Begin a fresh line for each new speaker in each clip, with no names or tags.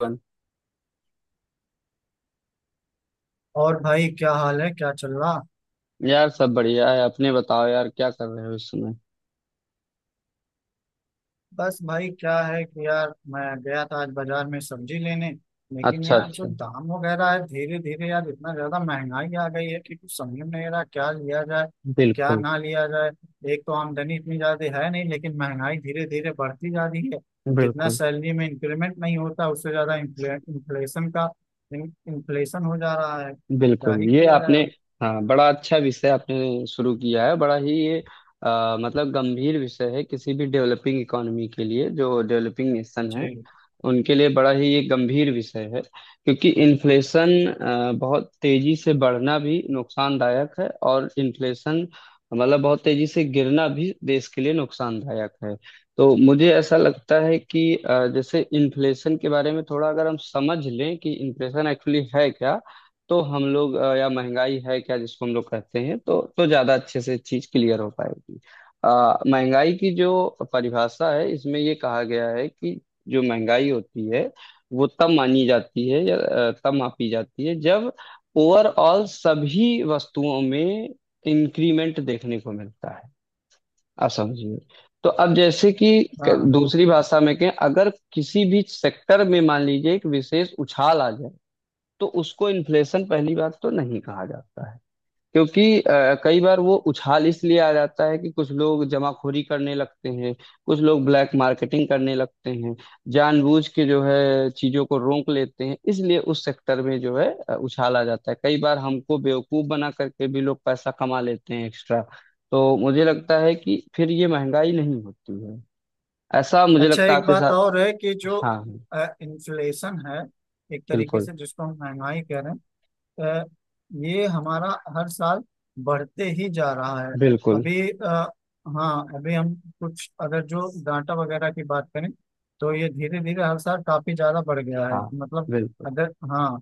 अपन।
और भाई, क्या हाल है? क्या चल रहा?
यार, सब बढ़िया है। अपने बताओ यार, क्या कर रहे हो इस समय।
बस भाई, क्या है कि यार, मैं गया था आज बाजार में सब्जी लेने। लेकिन
अच्छा,
यार, जो
अच्छा।
दाम वगैरह है धीरे धीरे, यार इतना ज्यादा महंगाई आ गई है कि कुछ समझ में नहीं आ रहा क्या लिया जाए, क्या
बिल्कुल
ना लिया जाए। एक तो आमदनी इतनी ज्यादा है नहीं, लेकिन महंगाई धीरे धीरे बढ़ती जा रही है। जितना
बिल्कुल।
सैलरी में इंक्रीमेंट नहीं होता, उससे ज्यादा इन्फ्लेशन का इन्फ्लेशन हो जा रहा है। क्या
बिल्कुल,
ही
ये
किया जाए
आपने।
अब।
हाँ, बड़ा अच्छा विषय आपने शुरू किया है, बड़ा ही ये मतलब गंभीर विषय है किसी भी डेवलपिंग इकोनॉमी के लिए, जो डेवलपिंग नेशन है
जी।
उनके लिए बड़ा ही ये गंभीर विषय है क्योंकि इन्फ्लेशन बहुत तेजी से बढ़ना भी नुकसानदायक है और इन्फ्लेशन मतलब बहुत तेजी से गिरना भी देश के लिए नुकसानदायक है। तो मुझे ऐसा लगता है कि जैसे इन्फ्लेशन के बारे में थोड़ा अगर हम समझ लें कि इन्फ्लेशन एक्चुअली है क्या, तो हम लोग या महंगाई है क्या जिसको हम लोग कहते हैं, तो ज्यादा अच्छे से चीज क्लियर हो पाएगी। महंगाई की जो परिभाषा है, इसमें ये कहा गया है कि जो महंगाई होती है वो तब मानी जाती है या तब मापी जाती है जब ओवरऑल सभी वस्तुओं में इंक्रीमेंट देखने को मिलता है। आप समझिए, तो अब जैसे कि
हाँ।
दूसरी भाषा में कहें, अगर किसी भी सेक्टर में मान लीजिए एक विशेष उछाल आ जाए तो उसको इन्फ्लेशन पहली बात तो नहीं कहा जाता है क्योंकि कई बार वो उछाल इसलिए आ जाता है कि कुछ लोग जमाखोरी करने लगते हैं, कुछ लोग ब्लैक मार्केटिंग करने लगते हैं, जानबूझ के जो है चीजों को रोक लेते हैं, इसलिए उस सेक्टर में जो है उछाल आ जाता है, कई बार हमको बेवकूफ बना करके भी लोग पैसा कमा लेते हैं एक्स्ट्रा। तो मुझे लगता है कि फिर ये महंगाई नहीं होती है, ऐसा मुझे
अच्छा,
लगता है
एक
आपके
बात
साथ।
और है कि जो
हाँ।
इन्फ्लेशन है, एक तरीके
बिल्कुल।
से जिसको हम महंगाई कह रहे हैं, ये हमारा हर साल बढ़ते ही जा रहा है।
बिल्कुल।
अभी हाँ, अभी हम कुछ अगर जो डाटा वगैरह की बात करें, तो ये धीरे धीरे हर साल काफी ज्यादा बढ़ गया है
हाँ।
मतलब।
बिल्कुल।
अगर हाँ।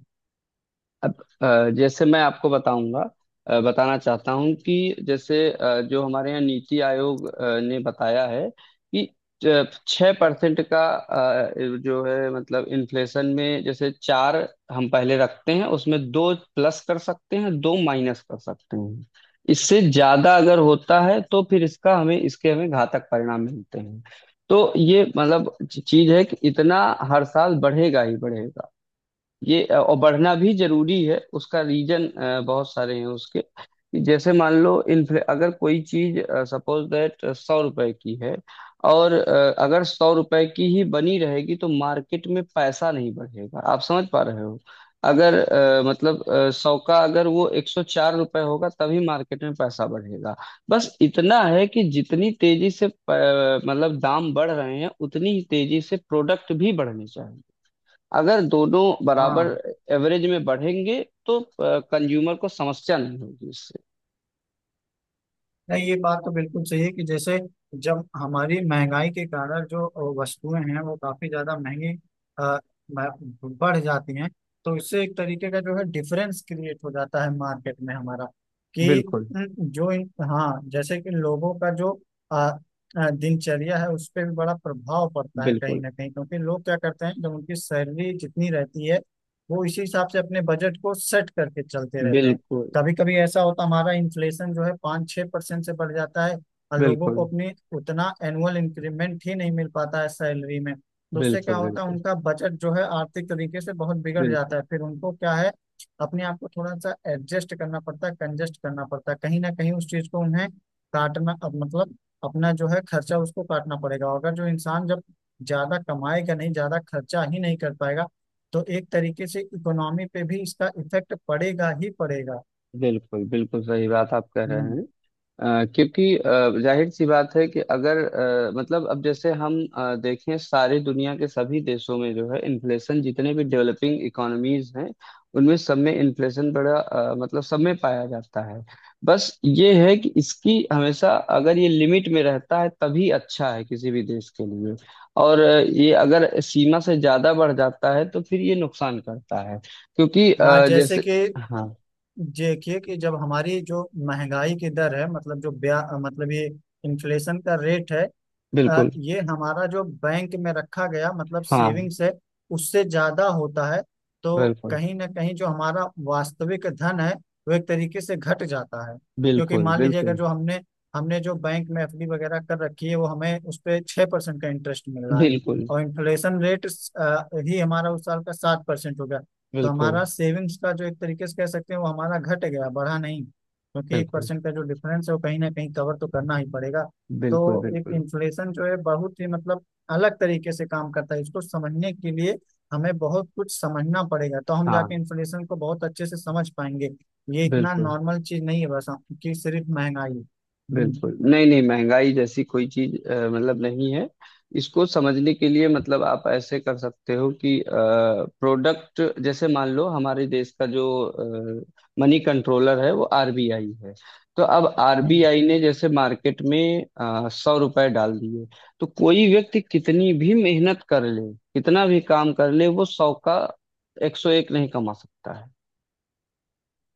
अब जैसे मैं आपको बताऊंगा, बताना चाहता हूं कि जैसे जो हमारे यहाँ नीति आयोग ने बताया है कि 6% का जो है मतलब इन्फ्लेशन में, जैसे चार हम पहले रखते हैं, उसमें दो प्लस कर सकते हैं, दो माइनस कर सकते हैं। इससे ज्यादा अगर होता है तो फिर इसका हमें इसके हमें घातक परिणाम मिलते हैं। तो ये मतलब चीज है कि इतना हर साल बढ़ेगा ही बढ़ेगा। ये और बढ़ना भी जरूरी है, उसका रीजन बहुत सारे हैं उसके। कि जैसे मान लो इन्फ्ले अगर कोई चीज सपोज दैट 100 रुपए की है, और अगर 100 रुपए की ही बनी रहेगी तो मार्केट में पैसा नहीं बढ़ेगा। आप समझ पा रहे हो? अगर मतलब सौ का अगर वो 104 रुपए होगा तभी मार्केट में पैसा बढ़ेगा। बस इतना है कि जितनी तेजी से मतलब दाम बढ़ रहे हैं, उतनी ही तेजी से प्रोडक्ट भी बढ़ने, अगर दोनों बराबर
हाँ।
एवरेज में बढ़ेंगे तो कंज्यूमर को समस्या नहीं होगी इससे।
नहीं, ये बात तो बिल्कुल सही है कि जैसे जब हमारी महंगाई के कारण जो वस्तुएं हैं, वो काफी ज्यादा महंगी अ, बढ़ जाती हैं, तो इससे एक तरीके का जो है डिफरेंस क्रिएट हो जाता है मार्केट में हमारा, कि
बिल्कुल।
न, जो इन हाँ, जैसे कि लोगों का जो अ, दिनचर्या है, उस पर भी बड़ा प्रभाव पड़ता है कहीं
बिल्कुल।
ना कहीं, क्योंकि लोग क्या करते हैं जब उनकी सैलरी जितनी रहती है, वो इसी हिसाब से अपने बजट को सेट करके चलते रहते हैं।
बिल्कुल।
कभी कभी ऐसा होता, हमारा इन्फ्लेशन जो है 5-6% से बढ़ जाता है, और लोगों को
बिल्कुल।
अपने उतना एनुअल इंक्रीमेंट ही नहीं मिल पाता है सैलरी में। तो उससे क्या
बिल्कुल।
होता है,
बिल्कुल।
उनका बजट जो है आर्थिक तरीके से बहुत बिगड़
बिल्कुल।
जाता है, फिर उनको क्या है, अपने आप को थोड़ा सा एडजस्ट करना पड़ता है, कंजस्ट करना पड़ता है, कहीं ना कहीं उस चीज को उन्हें काटना, अब मतलब अपना जो है खर्चा उसको काटना पड़ेगा, और अगर जो इंसान जब ज्यादा कमाएगा नहीं, ज्यादा खर्चा ही नहीं कर पाएगा, तो एक तरीके से इकोनॉमी पे भी इसका इफेक्ट पड़ेगा ही पड़ेगा।
बिल्कुल। बिल्कुल सही बात आप कह रहे
हम्म,
हैं। क्योंकि जाहिर सी बात है कि अगर मतलब अब जैसे हम देखें, सारी दुनिया के सभी देशों में जो है इन्फ्लेशन, जितने भी डेवलपिंग इकोनॉमीज हैं उनमें सब में इन्फ्लेशन बड़ा मतलब सब में पाया जाता है। बस ये है कि इसकी हमेशा, अगर ये लिमिट में रहता है तभी अच्छा है किसी भी देश के लिए। और ये अगर सीमा से ज्यादा बढ़ जाता है तो फिर ये नुकसान करता है, क्योंकि
हाँ, जैसे
जैसे।
कि
हाँ।
देखिए कि जब हमारी जो महंगाई की दर है, मतलब जो ब्या मतलब ये इन्फ्लेशन का रेट है,
बिल्कुल।
ये हमारा जो बैंक में रखा गया मतलब
हाँ।
सेविंग्स है, उससे ज्यादा होता है, तो
बिल्कुल।
कहीं ना कहीं जो हमारा वास्तविक धन है, वो एक तरीके से घट जाता है। क्योंकि
बिल्कुल।
मान लीजिए अगर
बिल्कुल।
जो हमने हमने जो बैंक में एफडी वगैरह कर रखी है, वो हमें उस पे 6% का इंटरेस्ट मिल रहा है,
बिल्कुल।
और इन्फ्लेशन रेट ही हमारा उस साल का 7% हो गया, तो
बिल्कुल।
हमारा सेविंग्स का जो एक तरीके से कह सकते हैं, वो हमारा घट गया, बढ़ा नहीं, क्योंकि एक
बिल्कुल।
परसेंट का जो डिफरेंस है वो कहीं ना कहीं कवर तो करना ही पड़ेगा।
बिल्कुल।
तो एक
बिल्कुल।
इन्फ्लेशन जो है बहुत ही मतलब अलग तरीके से काम करता है। इसको समझने के लिए हमें बहुत कुछ समझना पड़ेगा, तो हम जाके
हाँ।
इन्फ्लेशन को बहुत अच्छे से समझ पाएंगे। ये इतना
बिल्कुल।
नॉर्मल चीज नहीं है बस कि सिर्फ महंगाई। हम्म।
बिल्कुल नहीं, नहीं, महंगाई जैसी कोई चीज मतलब नहीं है। इसको समझने के लिए मतलब आप ऐसे कर सकते हो कि प्रोडक्ट, जैसे मान लो, हमारे देश का जो मनी कंट्रोलर है वो आरबीआई है। तो अब
हम्म।
आरबीआई ने जैसे मार्केट में 100 रुपए डाल दिए, तो कोई व्यक्ति कितनी भी मेहनत कर ले, कितना भी काम कर ले, वो सौ का 101 नहीं कमा सकता है।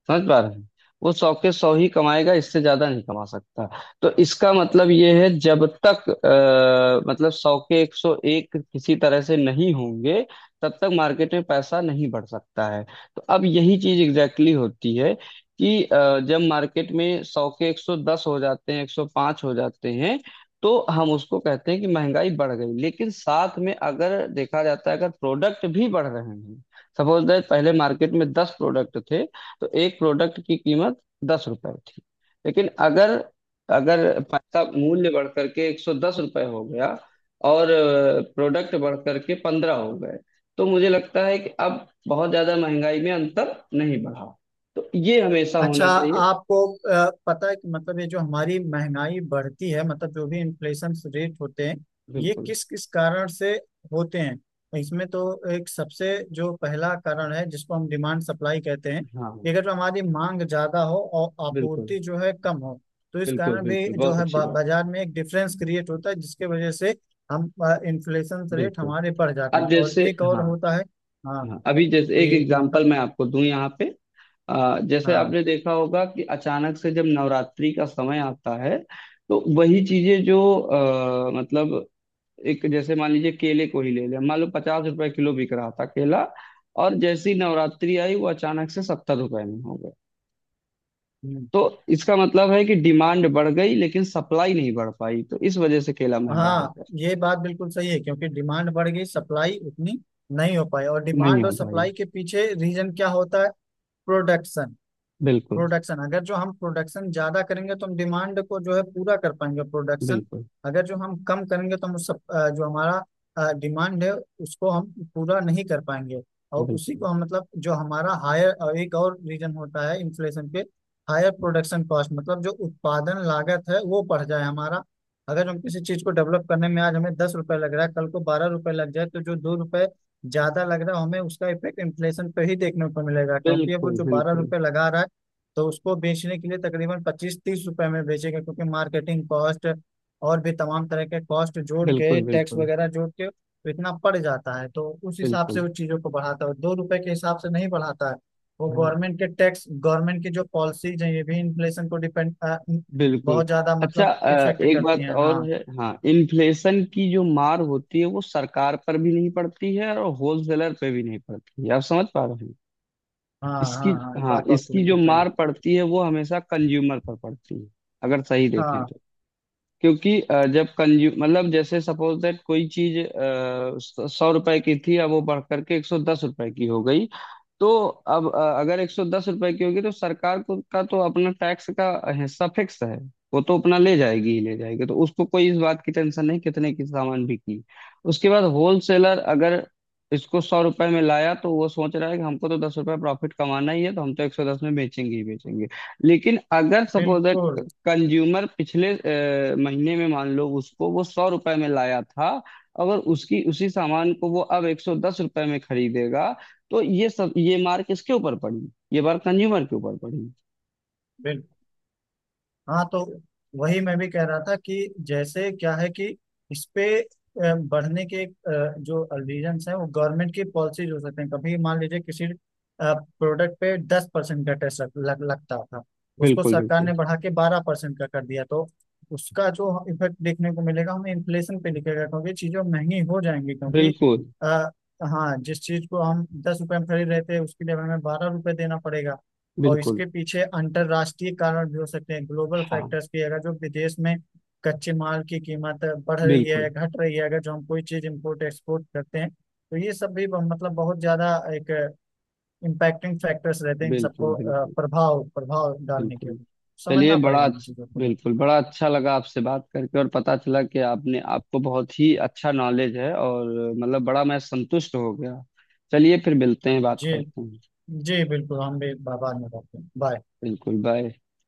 समझ पा रहे हैं? वो सौ के सौ ही कमाएगा, इससे ज्यादा नहीं कमा सकता। तो इसका मतलब ये है, जब तक मतलब सौ के 101 किसी तरह से नहीं होंगे, तब तक मार्केट में पैसा नहीं बढ़ सकता है। तो अब यही चीज एग्जैक्टली exactly होती है कि जब मार्केट में सौ के 110 हो जाते हैं, 105 हो जाते हैं, तो हम उसको कहते हैं कि महंगाई बढ़ गई। लेकिन साथ में अगर देखा जाता है अगर प्रोडक्ट भी बढ़ रहे हैं, सपोज दैट पहले मार्केट में 10 प्रोडक्ट थे तो एक प्रोडक्ट की कीमत 10 रुपए थी, लेकिन अगर अगर पैसा मूल्य बढ़ करके 110 रुपये हो गया और प्रोडक्ट बढ़ करके 15 हो गए, तो मुझे लगता है कि अब बहुत ज्यादा महंगाई में अंतर नहीं बढ़ा। तो ये हमेशा
अच्छा,
होना चाहिए।
आपको पता है कि मतलब ये जो हमारी महंगाई बढ़ती है, मतलब जो भी इन्फ्लेशन रेट होते हैं, ये
बिल्कुल।
किस किस कारण से होते हैं, तो इसमें तो एक सबसे जो पहला कारण है जिसको हम डिमांड सप्लाई कहते हैं
हाँ, हाँ।
कि अगर हमारी मांग ज्यादा हो और
बिल्कुल।
आपूर्ति जो है कम हो, तो इस
बिल्कुल।
कारण भी
बिल्कुल
जो
बहुत
है
अच्छी बात।
बाजार में एक डिफरेंस क्रिएट होता है जिसके वजह से हम इन्फ्लेशन रेट
बिल्कुल।
हमारे बढ़ जाते हैं।
अब
और
जैसे,
एक और
हाँ,
होता है। हाँ,
हाँ, अभी जैसे एक
कि
एग्जांपल
मतलब।
मैं आपको दूं यहाँ पे। जैसे
हाँ।
आपने देखा होगा कि अचानक से जब नवरात्रि का समय आता है, तो वही चीजें जो मतलब, एक जैसे मान लीजिए केले को ही ले लें, मान लो 50 रुपए किलो बिक रहा था केला, और जैसी नवरात्रि आई वो अचानक से 70 रुपए में हो गया।
हम्म।
तो इसका मतलब है कि डिमांड बढ़ गई, लेकिन सप्लाई नहीं बढ़ पाई, तो इस वजह से केला महंगा हो
हाँ,
गया।
ये बात बिल्कुल सही है क्योंकि डिमांड बढ़ गई, सप्लाई उतनी नहीं हो पाई। और
नहीं
डिमांड और
हो पाई।
सप्लाई के पीछे रीजन क्या होता है? प्रोडक्शन।
बिल्कुल।
प्रोडक्शन, अगर जो हम प्रोडक्शन ज्यादा करेंगे तो हम डिमांड को जो है पूरा कर पाएंगे। प्रोडक्शन
बिल्कुल।
अगर जो हम कम करेंगे तो हम उस जो हमारा डिमांड है, उसको हम पूरा नहीं कर पाएंगे। और उसी
बिल्कुल।
को हम मतलब जो हमारा हायर, एक और रीजन होता है इन्फ्लेशन पे, हायर प्रोडक्शन कॉस्ट। मतलब जो उत्पादन लागत है वो बढ़ जाए हमारा। अगर हम किसी चीज को डेवलप करने में आज हमें 10 रुपए लग रहा है, कल को 12 रुपए लग जाए, तो जो 2 रुपए ज्यादा लग रहा है हमें, उसका इफेक्ट इन्फ्लेशन पे ही देखने को मिलेगा, क्योंकि अब वो
बिल्कुल।
जो बारह
बिल्कुल।
रुपए लगा रहा है, तो उसको बेचने के लिए तकरीबन 25-30 रुपए में बेचेगा, क्योंकि मार्केटिंग कॉस्ट और भी तमाम तरह के कॉस्ट जोड़ के,
बिल्कुल।
टैक्स
बिल्कुल।
वगैरह जोड़ के तो इतना पड़ जाता है, तो उस हिसाब से
बिल्कुल।
वो चीज़ों को बढ़ाता है, 2 रुपए के हिसाब से नहीं बढ़ाता है। वो
हाँ।
गवर्नमेंट के टैक्स, गवर्नमेंट की जो पॉलिसीज हैं, ये भी इन्फ्लेशन को डिपेंड
बिल्कुल।
बहुत ज्यादा
अच्छा,
मतलब इफेक्ट
एक
करती
बात
हैं।
और
हाँ।
है। हाँ, इन्फ्लेशन की जो मार होती है वो सरकार पर भी नहीं पड़ती है और होलसेलर पे भी नहीं पड़ती है। आप समझ पा रहे हैं?
हाँ, हाँ,
इसकी
हाँ, ये
हाँ,
बात तो आपकी
इसकी जो
बिल्कुल सही है।
मार पड़ती है वो हमेशा कंज्यूमर पर पड़ती है, अगर सही देखें
हाँ।
तो। क्योंकि जब कंज्यूम मतलब, जैसे सपोज दैट कोई चीज 100 रुपए की थी, अब वो बढ़ करके 110 रुपए की हो गई, तो अब अगर 110 रुपए की होगी तो सरकार को का तो अपना टैक्स का हिस्सा फिक्स है। वो तो अपना ले जाएगी ही ले जाएगी, तो उसको कोई इस बात की टेंशन नहीं कितने की सामान बिकी। उसके बाद होलसेलर अगर इसको 100 रुपए में लाया तो वो सोच रहा है कि हमको तो 10 रुपए प्रॉफिट कमाना ही है, तो हम तो 110 में बेचेंगे ही बेचेंगे। लेकिन अगर सपोज दैट
बिल्कुल,
कंज्यूमर पिछले महीने में, मान लो, उसको वो 100 रुपए में लाया था, अगर उसकी उसी सामान को वो अब 110 रुपए में खरीदेगा, तो ये मार किसके ऊपर पड़ी? ये बार कंज्यूमर के ऊपर पड़ी।
बिल्कुल। हाँ तो वही मैं भी कह रहा था कि जैसे क्या है कि इस पे बढ़ने के जो रीजंस हैं, वो गवर्नमेंट की पॉलिसीज हो सकते हैं। कभी मान लीजिए किसी प्रोडक्ट पे 10% का टैक्स लग, लग, लगता था, उसको
बिल्कुल।
सरकार
बिल्कुल।
ने बढ़ा के 12% का कर दिया, तो उसका जो इफेक्ट देखने को मिलेगा हमें, इन्फ्लेशन पे दिखेगा क्योंकि चीजें महंगी हो जाएंगी, क्योंकि
बिल्कुल।
आ, हाँ, जिस चीज को हम 10 रुपए में खरीद रहे थे, उसके लिए हमें बारह रुपए देना पड़ेगा। और
बिल्कुल।
इसके पीछे अंतरराष्ट्रीय कारण भी हो सकते हैं, ग्लोबल
हाँ।
फैक्टर्स की, अगर जो विदेश में कच्चे माल की कीमत बढ़ रही है,
बिल्कुल।
घट रही है, अगर जो हम कोई चीज इम्पोर्ट एक्सपोर्ट करते हैं, तो ये सब भी मतलब बहुत ज्यादा एक इम्पैक्टिंग फैक्टर्स रहते हैं, इन सबको
बिल्कुल। बिल्कुल।
प्रभाव प्रभाव डालने के
बिल्कुल।
लिए
चलिए,
समझना
बड़ा
पड़ेगा इन चीजों को।
बिल्कुल, बड़ा अच्छा लगा आपसे बात करके, और पता चला कि आपने आपको बहुत ही अच्छा नॉलेज है, और मतलब बड़ा मैं संतुष्ट हो गया। चलिए, फिर मिलते हैं, बात
जी।
करते हैं।
जी बिल्कुल, हम भी बाद में करते हैं। बाय।
बिल्कुल भाई।